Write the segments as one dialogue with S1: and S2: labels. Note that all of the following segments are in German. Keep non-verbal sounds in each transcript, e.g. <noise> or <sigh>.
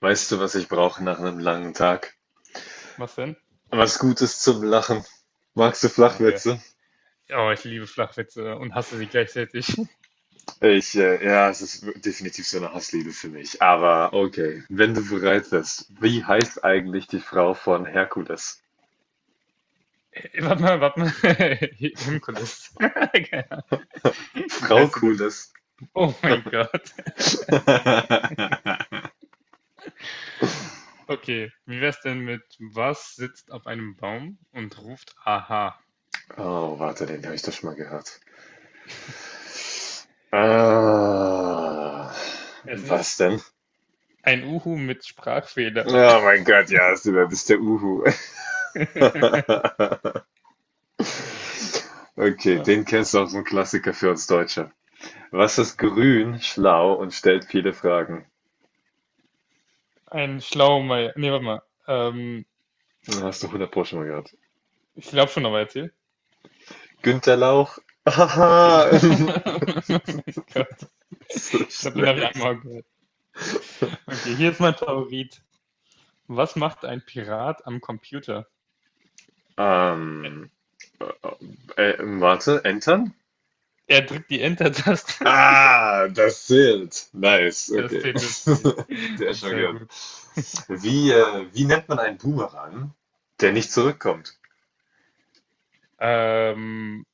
S1: Weißt du, was ich brauche nach einem langen Tag?
S2: Was denn?
S1: Was Gutes zum Lachen. Magst du
S2: Ah, ja.
S1: Flachwitze?
S2: Oh, ich liebe Flachwitze und hasse sie gleichzeitig. <laughs>
S1: Ich, ja, es ist definitiv so eine Hassliebe für mich. Aber okay, wenn du bereit bist, wie heißt eigentlich die Frau von Herkules?
S2: Warte mal, warte mal. <laughs> Himkulis. <laughs> Keine Ahnung. Wie
S1: Frau
S2: heißt sie denn?
S1: Kules.
S2: Oh mein Gott.
S1: <laughs>
S2: Okay, wie wär's denn mit. Was sitzt auf einem Baum und ruft Aha?
S1: Oh, warte, den habe ich doch schon mal gehört. Ah,
S2: Es
S1: was
S2: ist
S1: denn?
S2: ein Uhu mit
S1: Oh
S2: Sprachfehler.
S1: mein Gott, ja, du bist der Uhu.
S2: <laughs>
S1: <laughs> Okay, den kennst du auch, so ein Klassiker für uns Deutsche. Was ist grün, schlau und stellt viele Fragen?
S2: Ein Schlaumeier. Nee, warte mal.
S1: Hast du hundert Pro schon mal gehört.
S2: Ich glaube schon, aber erzähl.
S1: Günter Lauch? Haha,
S2: <laughs> Oh mein Gott.
S1: <laughs> so
S2: Ich glaube, den habe ich
S1: schlecht.
S2: einmal gehört. Okay, hier ist mein Favorit. Was macht ein Pirat am Computer? Er,
S1: Ähm, äh, warte, entern?
S2: er drückt die Enter-Taste. <laughs>
S1: Ah, das zählt. Nice,
S2: Das
S1: okay.
S2: zählt, das zählt.
S1: <laughs> Der ist schon
S2: Sehr
S1: gehört.
S2: gut.
S1: Wie nennt man einen Boomerang, der nicht zurückkommt?
S2: Ähm,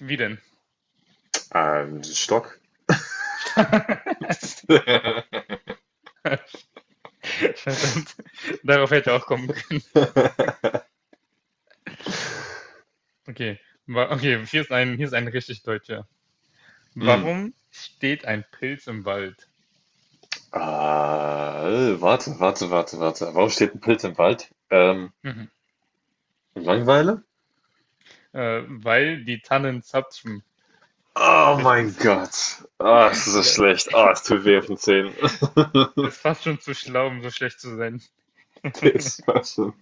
S2: wie denn?
S1: Stock?
S2: <laughs>
S1: <laughs>
S2: Verdammt. Darauf hätte ich auch kommen können. Okay. Okay, hier ist hier ist ein richtig deutscher.
S1: Hm.
S2: Warum steht ein Pilz im Wald?
S1: Ah, warte, warte, warte, warte. Warum steht ein Pilz im Wald?
S2: Mhm.
S1: Langeweile?
S2: Weil die Tannen zapfen.
S1: Oh
S2: Richtig.
S1: mein Gott. Ah, es ist
S2: <laughs>
S1: so
S2: Der,
S1: schlecht. Ah, es
S2: <laughs>
S1: tut weh auf den Zähnen. <laughs>
S2: der ist fast schon zu schlau, um so schlecht zu sein.
S1: Das war schon.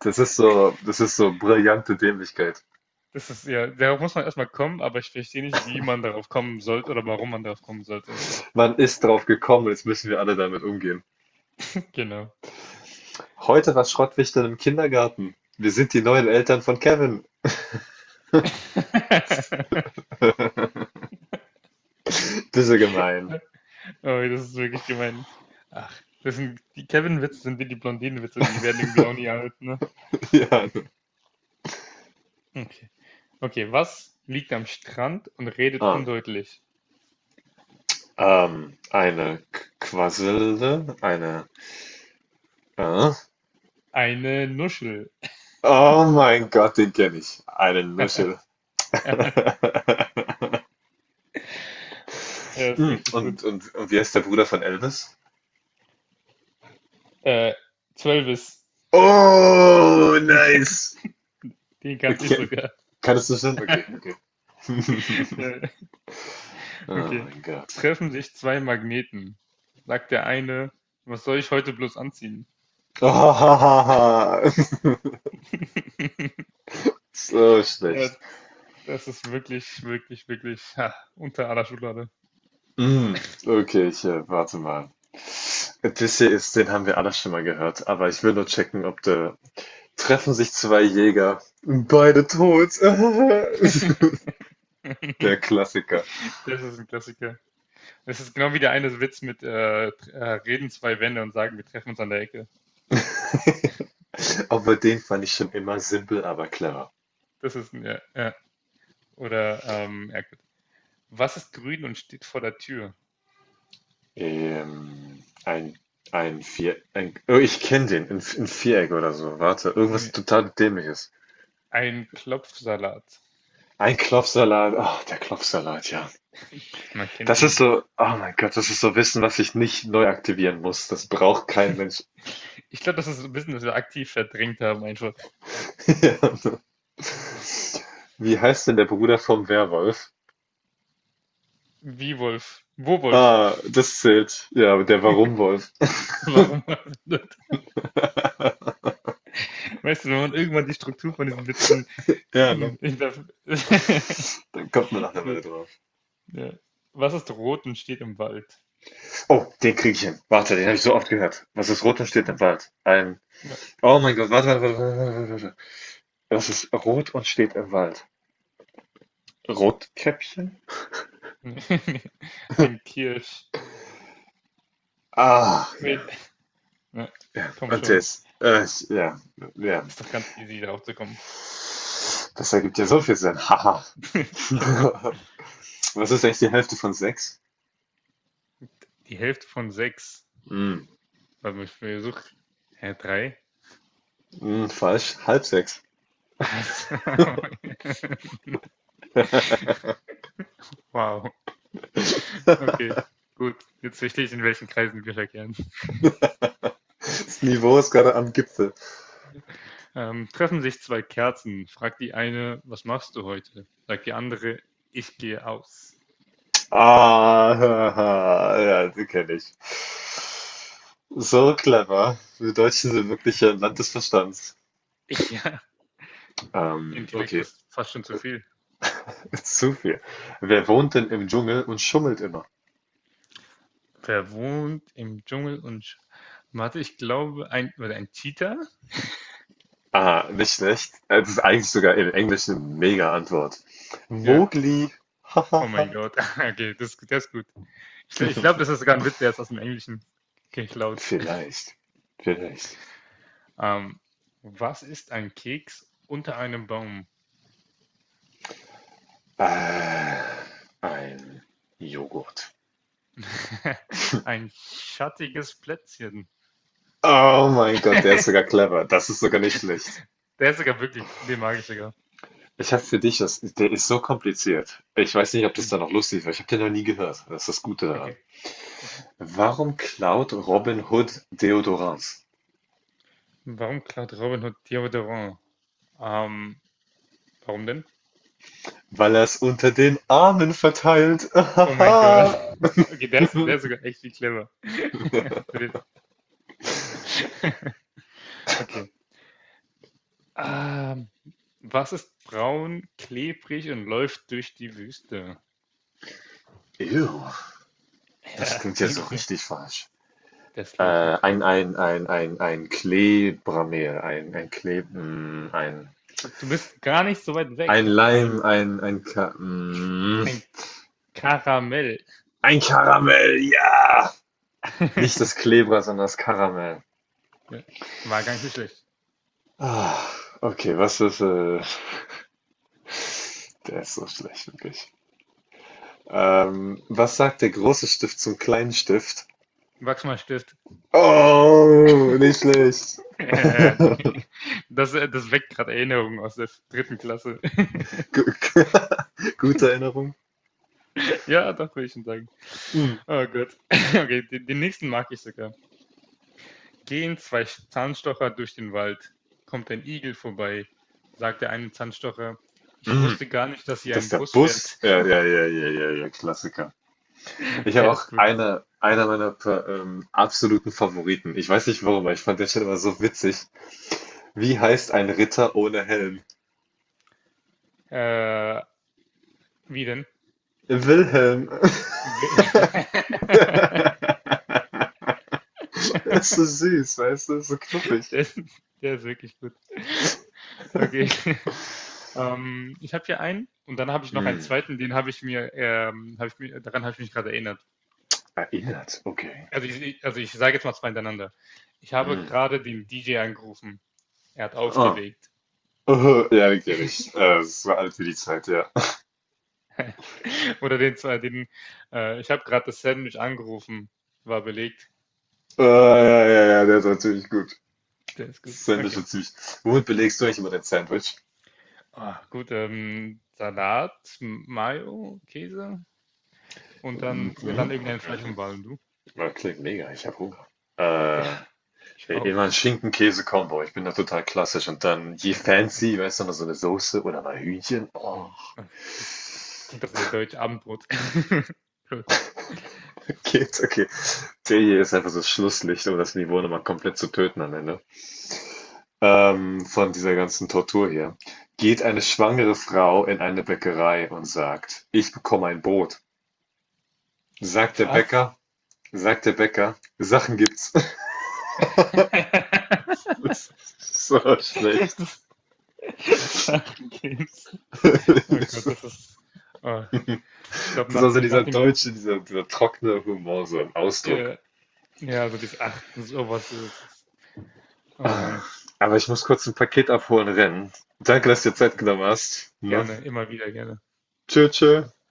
S1: das ist so brillante Dämlichkeit.
S2: Das ist ja, darauf muss man erstmal kommen, aber ich verstehe nicht, wie man darauf kommen sollte oder warum man darauf kommen sollte.
S1: Man ist drauf gekommen, jetzt müssen wir alle damit umgehen.
S2: Genau.
S1: Heute war Schrottwichteln im Kindergarten. Wir sind die neuen Eltern von Kevin.
S2: <laughs>
S1: Bisse gemein.
S2: Oh, das ist wirklich gemein. Ach, das sind die Kevin-Witze sind wie die Blondinen-Witze, die werden irgendwie auch
S1: <laughs>
S2: nie alt, ne?
S1: Ja.
S2: Okay. Okay, was liegt am Strand und redet
S1: Ah,
S2: undeutlich?
S1: eine Quasselde, eine. Äh?
S2: Eine Nuschel.
S1: Oh mein Gott, den kenne ich. Eine Nuschel. <laughs>
S2: <laughs> Der ist
S1: Hm,
S2: richtig gut.
S1: und wie heißt der Bruder von Elvis?
S2: Äh, Zwölfis.
S1: Oh,
S2: <laughs> Die, kan-
S1: nice.
S2: die kannte ich
S1: Okay,
S2: sogar.
S1: kannst du schon? Okay, okay. <laughs>
S2: <laughs>
S1: Oh
S2: Okay.
S1: mein Gott.
S2: Treffen sich zwei Magneten. Sagt der eine, was soll ich heute bloß anziehen?
S1: <laughs>
S2: <laughs>
S1: So
S2: Ja,
S1: schlecht.
S2: das ist wirklich, wirklich, wirklich ha, unter aller Schublade.
S1: Hm, okay, ich warte mal. Odysseus, den haben wir alle schon mal gehört, aber ich will nur checken, ob der. Treffen sich zwei Jäger, beide tot. <laughs>
S2: <laughs>
S1: Der Klassiker.
S2: Das ist ein Klassiker. Das ist genau wie der eine Witz mit reden zwei Wände und sagen, wir treffen uns an der Ecke.
S1: Aber den fand ich schon immer simpel, aber clever.
S2: Das ist ein, ja, ja. Oder, ja gut. Was ist grün und steht vor der Tür?
S1: Ein, oh, ich kenne den, ein Viereck oder so. Warte, irgendwas
S2: Nee,
S1: total Dämliches.
S2: ein Klopfsalat.
S1: Ein Klopfsalat, oh der Klopfsalat, ja.
S2: Man kennt
S1: Das
S2: ihn
S1: ist
S2: doch.
S1: so, oh mein Gott, das ist so Wissen, was ich nicht neu aktivieren muss. Das braucht kein Mensch.
S2: Ich glaube, das ist ein bisschen, dass wir aktiv verdrängt haben, einfach.
S1: <laughs> Ja. Wie heißt denn der Bruder vom Werwolf?
S2: Wie Wolf? Wo Wolf?
S1: Ah, das zählt. Ja, aber der Warumwolf.
S2: <laughs> Warum? <laughs> Weißt du, wenn man irgendwann die Struktur von diesen Witzen
S1: Ja, ne?
S2: hm, hinterf- <laughs>
S1: Dann kommt man nach einer Weile
S2: Gut,
S1: drauf.
S2: ja. Was ist rot und steht im Wald?
S1: Oh, den krieg ich hin. Warte, den habe ich so oft gehört. Was ist rot und steht
S2: Hm,
S1: im Wald? Ein
S2: ja.
S1: Oh mein Gott, warte, warte, warte, warte, warte, das ist rot und steht im Wald. Rotkäppchen?
S2: <laughs> Ein Kirsch.
S1: Ah,
S2: Nee.
S1: ja.
S2: Ja, komm
S1: Und
S2: schon.
S1: das? Ja, ja.
S2: Ist doch ganz easy, darauf zu kommen.
S1: Das ergibt ja so viel Sinn. Haha.
S2: <laughs> Genau.
S1: <laughs> Was ist eigentlich die Hälfte von sechs?
S2: Die Hälfte von sechs.
S1: Hm,
S2: Also ich versuche. Hä, drei?
S1: hm, falsch. Halb sechs.
S2: <laughs> Wow.
S1: <laughs>
S2: Okay, gut. Jetzt verstehe ich, in welchen Kreisen wir verkehren.
S1: Das Niveau ist gerade am Gipfel.
S2: Treffen sich zwei Kerzen, fragt die eine, was machst du heute? Sagt die andere, ich gehe aus.
S1: Ah, haha, ja, die kenne ich. So clever. Wir Deutschen sind wirklich ein Land des Verstands.
S2: <laughs> Ja, Intellekt
S1: Okay.
S2: ist fast schon zu viel.
S1: <laughs> Zu viel. Wer wohnt denn im Dschungel und schummelt immer?
S2: Wer wohnt im Dschungel und warte, ich glaube, ein Cheetah?
S1: Ah, nicht schlecht. Das ist eigentlich sogar im Englischen eine Mega-Antwort.
S2: Ja.
S1: Mowgli.
S2: Oh mein
S1: Hahaha.
S2: Gott. <laughs> Okay, das ist gut. Ich glaube,
S1: <laughs>
S2: das ist sogar ein Witz, der ist aus dem Englischen geklaut.
S1: Vielleicht. Vielleicht.
S2: Ähm, was ist ein Keks unter einem Baum?
S1: Äh, ein Joghurt.
S2: <laughs> Ein schattiges Plätzchen.
S1: Oh mein Gott, der ist sogar
S2: <laughs>
S1: clever. Das ist sogar nicht schlecht.
S2: Der ist sogar wirklich, den mag ich sogar.
S1: Ich habe für dich das, der ist so kompliziert. Ich weiß nicht, ob das
S2: Hm,
S1: da noch lustig war. Ich habe den noch nie gehört. Das ist das Gute daran.
S2: okay, okay.
S1: Warum klaut Robin Hood Deodorant?
S2: Warum klaut Robin Hood Deodorant? Ähm, warum denn?
S1: Weil er es unter den Armen verteilt.
S2: Oh mein Gott.
S1: Ahaha.
S2: <laughs> Okay, der ist sogar echt viel clever. <laughs> Den- <laughs> Okay. Ähm, was ist braun, klebrig und läuft durch die Wüste?
S1: Ew, das
S2: Ja,
S1: klingt ja
S2: denke
S1: so
S2: ich mir.
S1: richtig falsch.
S2: Das
S1: Äh,
S2: klingt wirklich.
S1: ein, ein, ein, ein, ein Klebramel, ein Kleb, ein,
S2: Du bist gar nicht so weit
S1: ein
S2: weg.
S1: Leim, Ka
S2: Ein Karamell.
S1: ein Karamell, ja! Nicht das
S2: <laughs>
S1: Klebra, sondern das Karamell.
S2: Ja, war gar nicht so schlecht.
S1: Ah, okay, der ist so schlecht, wirklich. Was sagt der große Stift zum kleinen Stift?
S2: Wachs mal Stift.
S1: Oh, nicht
S2: <laughs>
S1: schlecht.
S2: Ja,
S1: <laughs>
S2: das weckt gerade Erinnerungen aus der dritten Klasse. <laughs>
S1: Gu- <laughs> Gute Erinnerung.
S2: Ja, doch, würde ich schon sagen.
S1: Hm.
S2: Oh Gott. <laughs> Okay, den nächsten mag ich sogar. Gehen zwei Zahnstocher durch den Wald. Kommt ein Igel vorbei, sagt der eine Zahnstocher. Ich
S1: Hm.
S2: wusste gar nicht, dass hier
S1: Das ist
S2: ein
S1: der
S2: Bus
S1: Bus.
S2: fährt.
S1: Ja, ja, ja, ja, ja, ja, Klassiker. Ich
S2: <laughs> Der
S1: habe auch
S2: ist gut.
S1: einer meiner absoluten Favoriten. Ich weiß nicht warum, aber ich fand der Stelle immer so witzig. Wie heißt ein Ritter ohne Helm?
S2: Äh, wie denn?
S1: Wilhelm.
S2: Will-
S1: <laughs> Das ist so süß, weißt du? So
S2: <laughs>
S1: knuffig.
S2: Der ist, der ist wirklich gut. Okay. <laughs> Ich habe hier einen und dann habe ich noch einen
S1: Hm.
S2: zweiten, den habe ich mir, daran habe ich mich gerade erinnert.
S1: Erinnert, okay.
S2: Also also ich sage jetzt mal zwei hintereinander. Ich habe
S1: Hm.
S2: gerade den DJ angerufen. Er hat
S1: Oh.
S2: aufgelegt.
S1: Oh, ja, den kenne ich. So alt wie die Zeit, ja.
S2: <laughs> Oder den zwei, ich habe gerade das Sandwich angerufen, war belegt.
S1: Ah, ja, ja, ja, der ist natürlich gut.
S2: Der ist gut.
S1: Sandwich
S2: Okay.
S1: ist süß. Womit belegst du eigentlich immer dein Sandwich?
S2: Ah, gut, Salat, Mayo, Käse und dann
S1: Mhm.
S2: irgendein Fleisch und Ball. Und du?
S1: Das klingt mega, ich habe Hunger.
S2: Ja,
S1: Äh,
S2: ich
S1: immer
S2: auch.
S1: ein Schinken-Käse-Kombo. Ich bin da total klassisch. Und dann je
S2: Okay. Ah,
S1: fancy, weißt du, noch so eine Soße oder mal Hühnchen. Oh,
S2: hm, okay. <laughs> Das klingt doch sehr deutsch, Abendbrot. <laughs> Gut.
S1: <laughs> geht's, okay. Der hier ist einfach so das Schlusslicht, um das Niveau nochmal komplett zu töten am Ende. Von dieser ganzen Tortur hier. Geht eine schwangere Frau in eine Bäckerei und sagt, ich bekomme ein Brot. Sagt der
S2: Was?
S1: Bäcker, sagt der Bäcker, Sachen gibt's.
S2: <laughs>
S1: <laughs> Das ist so schlecht.
S2: Sachen Games. Oh Gott,
S1: <laughs>
S2: das ist. Oh, ich glaube,
S1: Das ist also
S2: nach
S1: dieser
S2: dem
S1: deutsche,
S2: ganzen.
S1: dieser trockene Humor, so ein Ausdruck.
S2: Äh, ja, also dieses Ach, sowas ist es. Oh
S1: Ah,
S2: Mann.
S1: aber ich muss kurz ein Paket abholen rennen. Danke, dass du dir Zeit
S2: Okay.
S1: genommen hast. Ne?
S2: Gerne, immer wieder gerne.
S1: Tschö,
S2: Viel
S1: tschö.
S2: Spaß.